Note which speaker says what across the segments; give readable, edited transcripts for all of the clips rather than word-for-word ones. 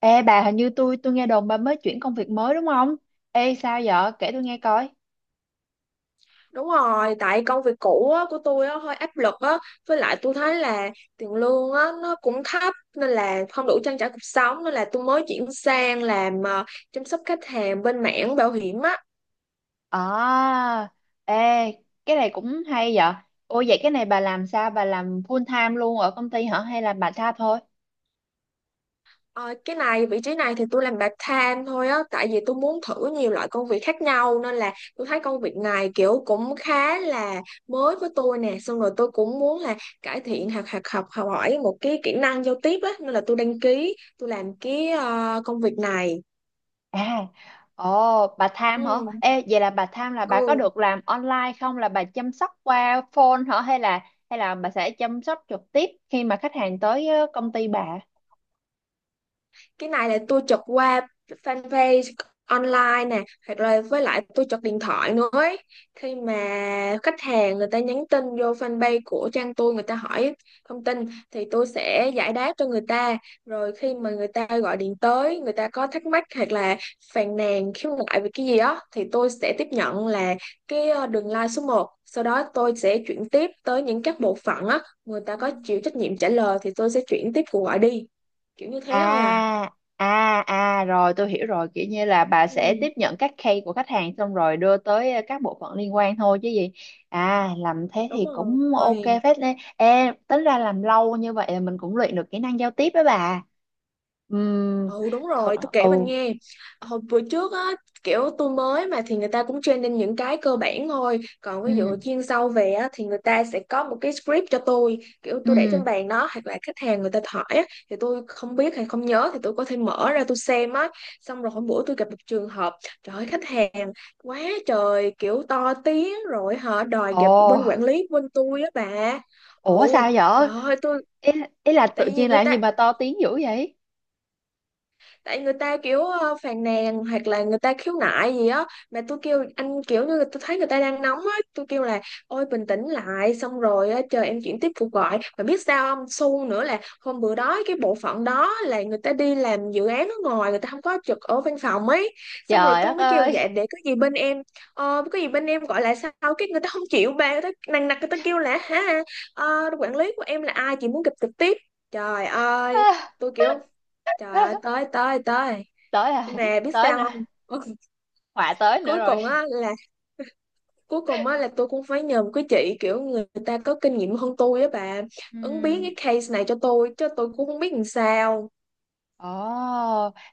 Speaker 1: Ê bà, hình như tôi nghe đồn bà mới chuyển công việc mới đúng không? Ê sao vậy? Kể tôi nghe coi.
Speaker 2: Đúng rồi, tại công việc cũ á, của tôi á, hơi áp lực á, với lại tôi thấy là tiền lương á, nó cũng thấp nên là không đủ trang trải cuộc sống nên là tôi mới chuyển sang làm chăm sóc khách hàng bên mảng bảo hiểm á.
Speaker 1: À, ê cái này cũng hay vậy. Ôi, vậy cái này bà làm sao? Bà làm full time luôn ở công ty hả? Hay là bà time thôi?
Speaker 2: Ờ, cái này vị trí này thì tôi làm part time thôi á, tại vì tôi muốn thử nhiều loại công việc khác nhau nên là tôi thấy công việc này kiểu cũng khá là mới với tôi nè, xong rồi tôi cũng muốn là cải thiện hoặc học học học hỏi một cái kỹ năng giao tiếp á, nên là tôi đăng ký tôi làm cái công việc này.
Speaker 1: À, ồ bà tham hả?
Speaker 2: Ừ.
Speaker 1: Ê vậy là bà tham là bà có
Speaker 2: Ừ.
Speaker 1: được làm online không? Là bà chăm sóc qua phone hả? Hay là bà sẽ chăm sóc trực tiếp khi mà khách hàng tới công ty bà?
Speaker 2: Cái này là tôi chụp qua fanpage online nè hoặc là với lại tôi chụp điện thoại nữa ấy. Khi mà khách hàng người ta nhắn tin vô fanpage của trang tôi người ta hỏi thông tin thì tôi sẽ giải đáp cho người ta, rồi khi mà người ta gọi điện tới người ta có thắc mắc hoặc là phàn nàn khiếu nại về cái gì đó thì tôi sẽ tiếp nhận là cái đường line số 1, sau đó tôi sẽ chuyển tiếp tới những các bộ phận á, người ta
Speaker 1: Ừ.
Speaker 2: có chịu trách nhiệm trả lời thì tôi sẽ chuyển tiếp cuộc gọi đi, kiểu như thế thôi à.
Speaker 1: À, à, à, rồi tôi hiểu rồi, kiểu như là bà sẽ tiếp
Speaker 2: Ừ,
Speaker 1: nhận các case của khách hàng xong rồi đưa tới các bộ phận liên quan thôi chứ gì. À, làm thế
Speaker 2: đúng
Speaker 1: thì
Speaker 2: rồi.
Speaker 1: cũng ok phết đấy. Ê, tính ra làm lâu như vậy là mình cũng luyện được kỹ năng giao tiếp đó bà. Ừm,
Speaker 2: Ừ đúng
Speaker 1: thật,
Speaker 2: rồi, tôi kể
Speaker 1: ừ,
Speaker 2: bạn nghe. Hồi bữa trước á, kiểu tôi mới mà thì người ta cũng training những cái cơ bản thôi, còn ví
Speaker 1: ừ.
Speaker 2: dụ chuyên sâu về á thì người ta sẽ có một cái script cho tôi, kiểu tôi để trên
Speaker 1: Ừm,
Speaker 2: bàn đó hoặc là khách hàng người ta hỏi á thì tôi không biết hay không nhớ thì tôi có thể mở ra tôi xem á. Xong rồi hôm bữa tôi gặp một trường hợp, trời ơi khách hàng quá trời kiểu to tiếng rồi họ đòi
Speaker 1: ồ,
Speaker 2: gặp bên quản lý bên tôi á bà.
Speaker 1: ủa
Speaker 2: Ồ,
Speaker 1: sao vậy?
Speaker 2: trời ơi tôi
Speaker 1: Ý, ý là
Speaker 2: tại
Speaker 1: tự
Speaker 2: vì
Speaker 1: nhiên
Speaker 2: người
Speaker 1: làm gì
Speaker 2: ta
Speaker 1: mà to tiếng dữ vậy?
Speaker 2: tại người ta kiểu phàn nàn hoặc là người ta khiếu nại gì á, mà tôi kêu anh kiểu như là tôi thấy người ta đang nóng á, tôi kêu là ôi bình tĩnh lại xong rồi á, chờ em chuyển tiếp cuộc gọi, mà biết sao không, xu nữa là hôm bữa đó cái bộ phận đó là người ta đi làm dự án ở ngoài, người ta không có trực ở văn phòng ấy. Xong rồi
Speaker 1: Trời
Speaker 2: tôi
Speaker 1: đất
Speaker 2: mới kêu
Speaker 1: ơi.
Speaker 2: dạ để có gì bên em gọi lại sau, cái người ta không chịu bà, người ta nằng nặc người ta kêu là hả quản lý của em là ai chị muốn gặp trực tiếp. Trời ơi tôi kiểu Trời ơi tới tới tới,
Speaker 1: Tới
Speaker 2: nhưng
Speaker 1: rồi,
Speaker 2: mà biết
Speaker 1: tới nữa,
Speaker 2: sao không
Speaker 1: họa tới nữa
Speaker 2: cuối cùng
Speaker 1: rồi.
Speaker 2: á là cuối cùng á là tôi cũng phải nhờ một cái chị kiểu người ta có kinh nghiệm hơn tôi á bà,
Speaker 1: Ừ.
Speaker 2: ứng biến cái case này cho tôi chứ tôi cũng không biết làm sao.
Speaker 1: Ồ,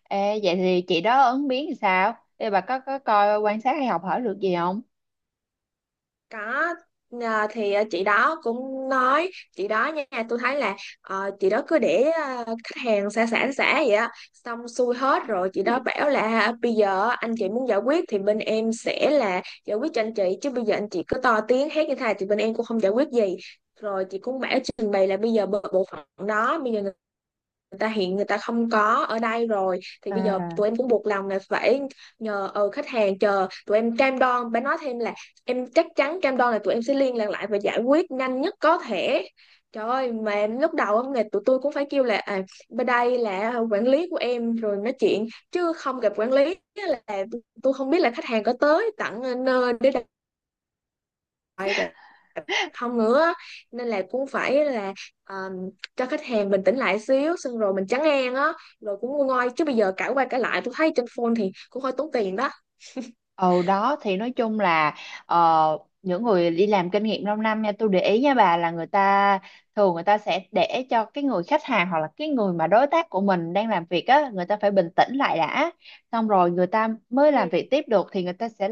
Speaker 1: ê, vậy thì chị đó ứng biến thì sao? Ê, bà có coi quan sát hay học hỏi được gì không?
Speaker 2: Có. Thì chị đó cũng nói, chị đó nha tôi thấy là chị đó cứ để khách hàng xả xả xả vậy á, xong xuôi hết rồi chị đó bảo là bây giờ anh chị muốn giải quyết thì bên em sẽ là giải quyết cho anh chị, chứ bây giờ anh chị cứ to tiếng hét như thế này thì bên em cũng không giải quyết gì. Rồi chị cũng bảo trình bày là bây giờ bộ bộ phận đó bây giờ người ta hiện người ta không có ở đây rồi thì bây giờ
Speaker 1: À,
Speaker 2: tụi em cũng buộc lòng là phải nhờ khách hàng chờ, tụi em cam đoan bà nói thêm là em chắc chắn cam đoan là tụi em sẽ liên lạc lại và giải quyết nhanh nhất có thể. Trời ơi mà em lúc đầu á, tụi tôi cũng phải kêu là bên đây là quản lý của em rồi nói chuyện chứ không gặp quản lý, là tôi không biết là khách hàng có tới tận nơi để đặt lại gặp không nữa, nên là cũng phải là ờ, cho khách hàng bình tĩnh lại xíu xong rồi mình trấn an á, rồi cũng nguôi ngoai chứ bây giờ cãi qua cãi lại tôi thấy trên phone thì cũng hơi tốn tiền đó.
Speaker 1: ồ đó thì nói chung là những người đi làm kinh nghiệm lâu năm nha, tôi để ý nha bà, là người ta thường người ta sẽ để cho cái người khách hàng hoặc là cái người mà đối tác của mình đang làm việc á, người ta phải bình tĩnh lại đã, xong rồi người ta mới làm
Speaker 2: Ừ
Speaker 1: việc tiếp được. Thì người ta sẽ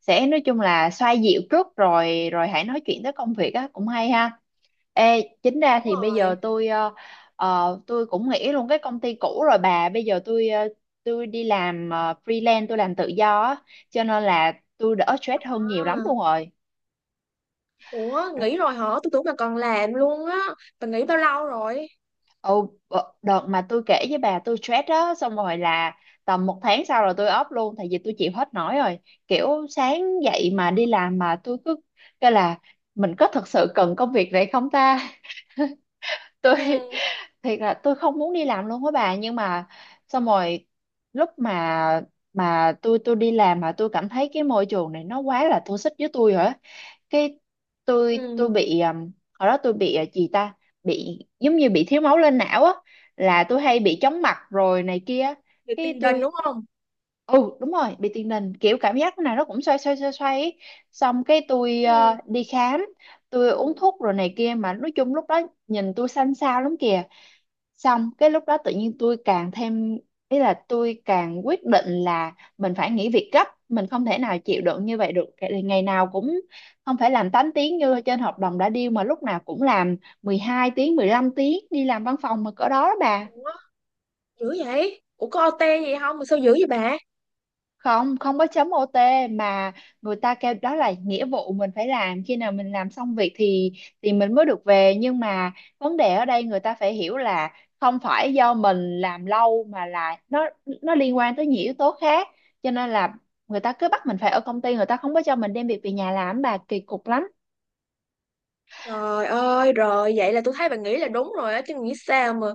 Speaker 1: sẽ nói chung là xoa dịu trước rồi rồi hãy nói chuyện tới công việc á, cũng hay ha. Ê, chính ra
Speaker 2: đúng
Speaker 1: thì bây
Speaker 2: rồi.
Speaker 1: giờ tôi tôi cũng nghỉ luôn cái công ty cũ rồi bà. Bây giờ tôi tôi đi làm freelance, tôi làm tự do á, cho nên là tôi đỡ stress hơn nhiều
Speaker 2: À,
Speaker 1: lắm luôn rồi.
Speaker 2: ủa nghỉ rồi hả, tôi tưởng là còn làm luôn á. Bà nghỉ bao lâu rồi?
Speaker 1: Ồ, đợt mà tôi kể với bà tôi stress đó, xong rồi là tầm một tháng sau rồi tôi off luôn, tại vì tôi chịu hết nổi rồi. Kiểu sáng dậy mà đi làm mà tôi cứ, cái là mình có thật sự cần công việc này không ta? Tôi
Speaker 2: Ừ.
Speaker 1: thiệt là tôi không muốn đi làm luôn á bà, nhưng mà xong rồi lúc mà tôi đi làm mà tôi cảm thấy cái môi trường này nó quá là toxic với tôi rồi á, cái
Speaker 2: Ừ
Speaker 1: tôi bị hồi đó tôi bị gì ta, bị giống như bị thiếu máu lên não á, là tôi hay bị chóng mặt rồi này kia.
Speaker 2: thì
Speaker 1: Cái
Speaker 2: tiền đình
Speaker 1: tôi,
Speaker 2: đúng không.
Speaker 1: ừ đúng rồi, bị tiền đình, kiểu cảm giác nào nó cũng xoay xoay xoay xoay ấy. Xong cái tôi
Speaker 2: Ừ.
Speaker 1: đi khám, tôi uống thuốc rồi này kia, mà nói chung lúc đó nhìn tôi xanh xao lắm kìa. Xong cái lúc đó tự nhiên tôi càng thêm, ý là tôi càng quyết định là mình phải nghỉ việc gấp, mình không thể nào chịu đựng như vậy được. Ngày nào cũng, không phải làm 8 tiếng như trên hợp đồng đã deal mà lúc nào cũng làm 12 tiếng, 15 tiếng đi làm văn phòng mà cỡ đó đó bà.
Speaker 2: Ủa dữ vậy, ủa có OT gì không mà sao dữ vậy bà?
Speaker 1: Không, không có chấm OT, mà người ta kêu đó là nghĩa vụ mình phải làm, khi nào mình làm xong việc thì mình mới được về. Nhưng mà vấn đề ở đây người ta phải hiểu là không phải do mình làm lâu mà là nó liên quan tới nhiều yếu tố khác, cho nên là người ta cứ bắt mình phải ở công ty, người ta không có cho mình đem việc về nhà làm bà, kỳ cục lắm.
Speaker 2: Trời ơi, rồi vậy là tôi thấy bạn nghĩ là đúng rồi á, chứ nghĩ sao mà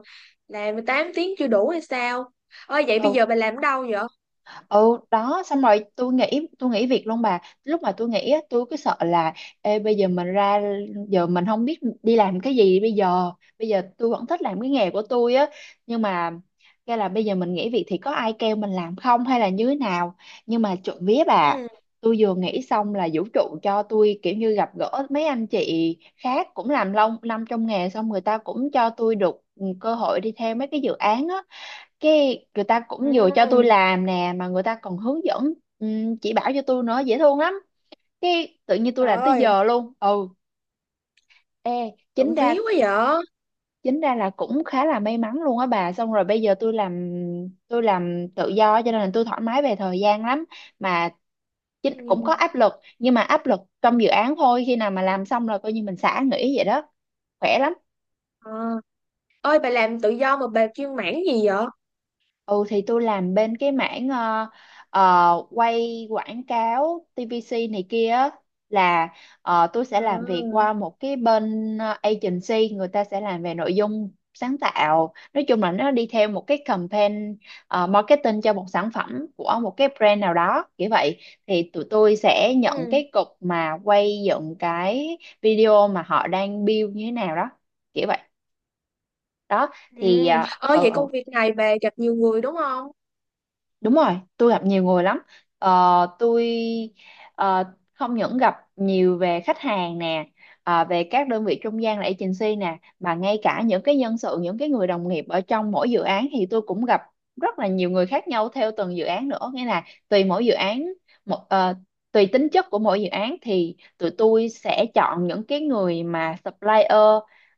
Speaker 2: làm 8 tiếng chưa đủ hay sao? Ơi vậy bây
Speaker 1: Ừ.
Speaker 2: giờ bà làm ở đâu vậy?
Speaker 1: Ừ đó xong rồi tôi nghĩ, tôi nghĩ việc luôn bà. Lúc mà tôi nghĩ á, tôi cứ sợ là ê, bây giờ mình ra, giờ mình không biết đi làm cái gì bây giờ. Bây giờ tôi vẫn thích làm cái nghề của tôi á, nhưng mà cái là bây giờ mình nghỉ việc thì có ai kêu mình làm không hay là như thế nào? Nhưng mà trộm vía bà,
Speaker 2: Ừ.
Speaker 1: tôi vừa nghĩ xong là vũ trụ cho tôi kiểu như gặp gỡ mấy anh chị khác cũng làm lâu năm trong nghề, xong người ta cũng cho tôi được cơ hội đi theo mấy cái dự án á. Cái người ta cũng vừa cho tôi
Speaker 2: Ừ.
Speaker 1: làm nè, mà người ta còn hướng dẫn, chỉ bảo cho tôi nữa, dễ thương lắm. Cái tự nhiên tôi
Speaker 2: Trời
Speaker 1: làm tới
Speaker 2: ơi,
Speaker 1: giờ luôn ừ. Ê, chính
Speaker 2: trộm
Speaker 1: ra,
Speaker 2: vía quá vậy.
Speaker 1: chính ra là cũng khá là may mắn luôn á bà. Xong rồi bây giờ tôi làm, tôi làm tự do cho nên là tôi thoải mái về thời gian lắm, mà chính cũng
Speaker 2: Ừ.
Speaker 1: có áp lực, nhưng mà áp lực trong dự án thôi. Khi nào mà làm xong rồi coi như mình xả nghỉ vậy đó, khỏe lắm.
Speaker 2: À. Ơi bà làm tự do mà bà chuyên mảng gì vậy?
Speaker 1: Ừ, thì tôi làm bên cái mảng quay quảng cáo TVC này kia á, là tôi sẽ làm việc
Speaker 2: À.
Speaker 1: qua một cái bên agency, người ta sẽ làm về nội dung sáng tạo, nói chung là nó đi theo một cái campaign marketing cho một sản phẩm của một cái brand nào đó, kiểu vậy. Thì tụi tôi sẽ nhận
Speaker 2: Ừ.
Speaker 1: cái cục mà quay dựng cái video mà họ đang build như thế nào đó, kiểu vậy đó
Speaker 2: Ừ.
Speaker 1: thì.
Speaker 2: Ơi vậy công
Speaker 1: uh,
Speaker 2: việc này bà gặp nhiều người đúng không?
Speaker 1: Đúng rồi, tôi gặp nhiều người lắm. Ờ, tôi ờ, không những gặp nhiều về khách hàng nè, ờ, về các đơn vị trung gian là agency nè, mà ngay cả những cái nhân sự, những cái người đồng nghiệp ở trong mỗi dự án thì tôi cũng gặp rất là nhiều người khác nhau theo từng dự án nữa. Nghĩa là tùy mỗi dự án, một, ờ, tùy tính chất của mỗi dự án thì tụi tôi sẽ chọn những cái người mà supplier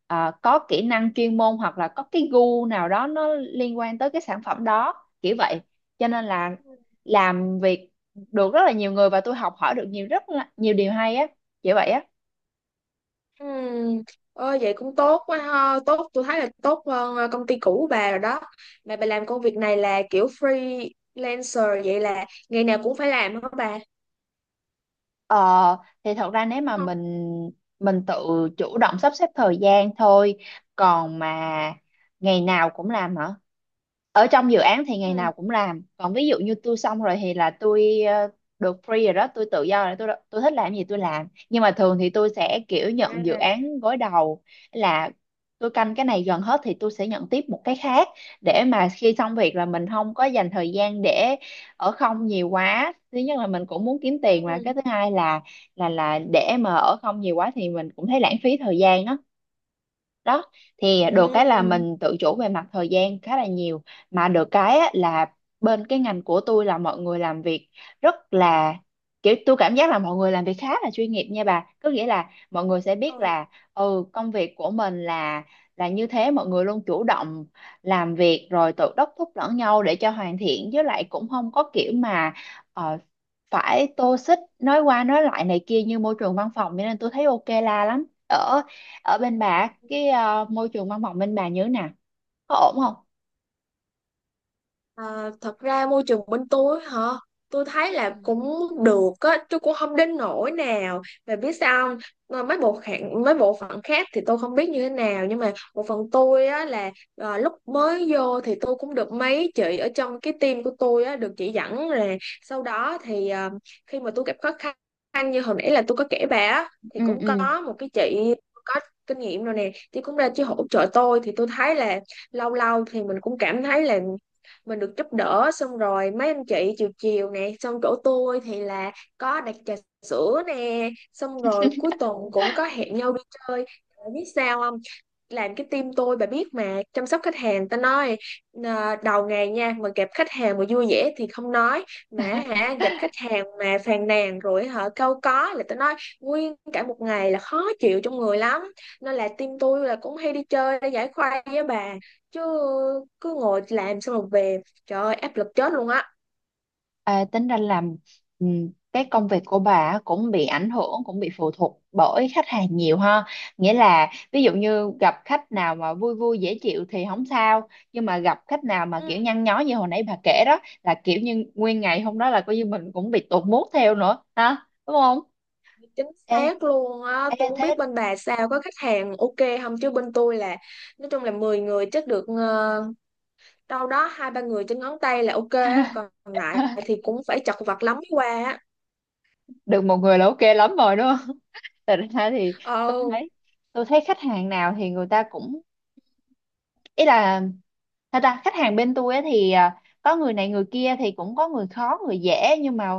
Speaker 1: có kỹ năng chuyên môn hoặc là có cái gu nào đó nó liên quan tới cái sản phẩm đó. Kiểu vậy, cho nên là
Speaker 2: Ừ.
Speaker 1: làm việc được rất là nhiều người và tôi học hỏi được nhiều, rất là, nhiều điều hay á, kiểu vậy á.
Speaker 2: Ừ. Ôi, vậy cũng tốt quá ha, tốt, tôi thấy là tốt hơn công ty cũ của bà rồi đó. Mà bà làm công việc này là kiểu freelancer vậy là ngày nào cũng phải làm hả bà,
Speaker 1: Ờ, thì thật ra nếu
Speaker 2: đúng
Speaker 1: mà
Speaker 2: không?
Speaker 1: mình tự chủ động sắp xếp thời gian thôi, còn mà ngày nào cũng làm hả? Ở trong dự án thì ngày nào
Speaker 2: Ừ.
Speaker 1: cũng làm, còn ví dụ như tôi xong rồi thì là tôi được free rồi đó, tôi tự do rồi, tôi thích làm gì tôi làm. Nhưng mà thường thì tôi sẽ kiểu nhận dự
Speaker 2: À.
Speaker 1: án gối đầu, là tôi canh cái này gần hết thì tôi sẽ nhận tiếp một cái khác, để mà khi xong việc là mình không có dành thời gian để ở không nhiều quá. Thứ nhất là mình cũng muốn kiếm tiền, mà
Speaker 2: Ừ.
Speaker 1: cái thứ hai là là để mà ở không nhiều quá thì mình cũng thấy lãng phí thời gian đó. Đó thì được cái là mình tự chủ về mặt thời gian khá là nhiều, mà được cái á, là bên cái ngành của tôi là mọi người làm việc rất là, kiểu tôi cảm giác là mọi người làm việc khá là chuyên nghiệp nha bà. Có nghĩa là mọi người sẽ biết
Speaker 2: Ừ.
Speaker 1: là công việc của mình là như thế, mọi người luôn chủ động làm việc rồi tự đốc thúc lẫn nhau để cho hoàn thiện, với lại cũng không có kiểu mà ờ, phải tô xích nói qua nói lại này kia như môi trường văn phòng, cho nên tôi thấy ok la lắm. Ở ở bên bà cái môi trường văn phòng bên bà như thế nào, có ổn không?
Speaker 2: À, thật ra môi trường bên tôi hả, tôi thấy là
Speaker 1: Ừ.
Speaker 2: cũng được á, chứ cũng không đến nỗi nào, mà biết sao không? Ờ, mấy bộ phận khác thì tôi không biết như thế nào, nhưng mà bộ phận tôi á là lúc mới vô thì tôi cũng được mấy chị ở trong cái team của tôi á được chỉ dẫn là, sau đó thì khi mà tôi gặp khó khăn như hồi nãy là tôi có kể bà á thì
Speaker 1: Ừ,
Speaker 2: cũng
Speaker 1: ừ.
Speaker 2: có một cái chị có kinh nghiệm rồi nè, chị cũng ra chị hỗ trợ tôi thì tôi thấy là lâu lâu thì mình cũng cảm thấy là mình được giúp đỡ, xong rồi mấy anh chị chiều chiều nè, xong chỗ tôi thì là có đặt trà sữa nè, xong rồi cuối tuần cũng có hẹn nhau đi chơi. Bạn biết sao không, làm cái team tôi bà biết mà chăm sóc khách hàng ta nói, đầu ngày nha mà gặp khách hàng mà vui vẻ thì không nói, mà hả gặp khách hàng mà phàn nàn rồi hả câu có là ta nói nguyên cả một ngày là khó chịu trong người lắm, nên là team tôi là cũng hay đi chơi để giải khuây với bà, chứ cứ ngồi làm xong rồi về trời ơi áp lực chết luôn á.
Speaker 1: À, tính ra làm, ừ, cái công việc của bà cũng bị ảnh hưởng, cũng bị phụ thuộc bởi khách hàng nhiều ha? Nghĩa là ví dụ như gặp khách nào mà vui vui dễ chịu thì không sao, nhưng mà gặp khách nào mà
Speaker 2: Ừ,
Speaker 1: kiểu nhăn nhó như hồi nãy bà kể đó, là kiểu như nguyên ngày hôm đó là coi như mình cũng bị tụt mood theo nữa ha, đúng không?
Speaker 2: chính
Speaker 1: Ê,
Speaker 2: xác luôn á,
Speaker 1: ê
Speaker 2: tôi không
Speaker 1: thế.
Speaker 2: biết bên bà sao có khách hàng ok không chứ bên tôi là nói chung là 10 người chắc được đâu đó hai ba người trên ngón tay là ok á, còn lại thì cũng phải chật vật lắm mới qua á.
Speaker 1: Được một người là ok lắm rồi đúng. Thật ra thì tôi
Speaker 2: Ờ.
Speaker 1: thấy, tôi thấy khách hàng nào thì người ta cũng, ý là thật ra khách hàng bên tôi á thì có người này người kia, thì cũng có người khó người dễ. Nhưng mà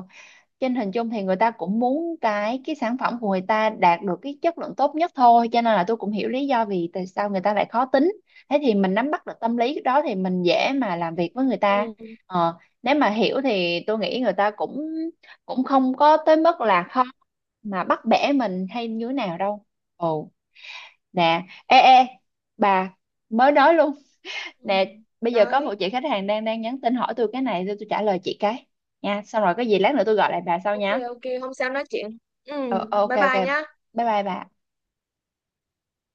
Speaker 1: trên hình chung thì người ta cũng muốn cái sản phẩm của người ta đạt được cái chất lượng tốt nhất thôi, cho nên là tôi cũng hiểu lý do vì tại sao người ta lại khó tính. Thế thì mình nắm bắt được tâm lý đó thì mình dễ mà làm việc với người ta.
Speaker 2: Ừ.
Speaker 1: Ờ, nếu mà hiểu thì tôi nghĩ người ta cũng cũng không có tới mức là khó mà bắt bẻ mình hay như thế nào đâu. Ừ nè, ê, bà mới nói luôn
Speaker 2: Ừ.
Speaker 1: nè. Bây giờ có
Speaker 2: Đấy.
Speaker 1: một chị khách hàng đang đang nhắn tin hỏi tôi cái này, tôi trả lời chị cái nha, xong rồi có gì lát nữa tôi gọi lại bà sau
Speaker 2: Ok
Speaker 1: nha.
Speaker 2: ok hôm sau nói chuyện. Ừ,
Speaker 1: Ờ, ok
Speaker 2: bye
Speaker 1: ok,
Speaker 2: bye nhá.
Speaker 1: bye bye bà.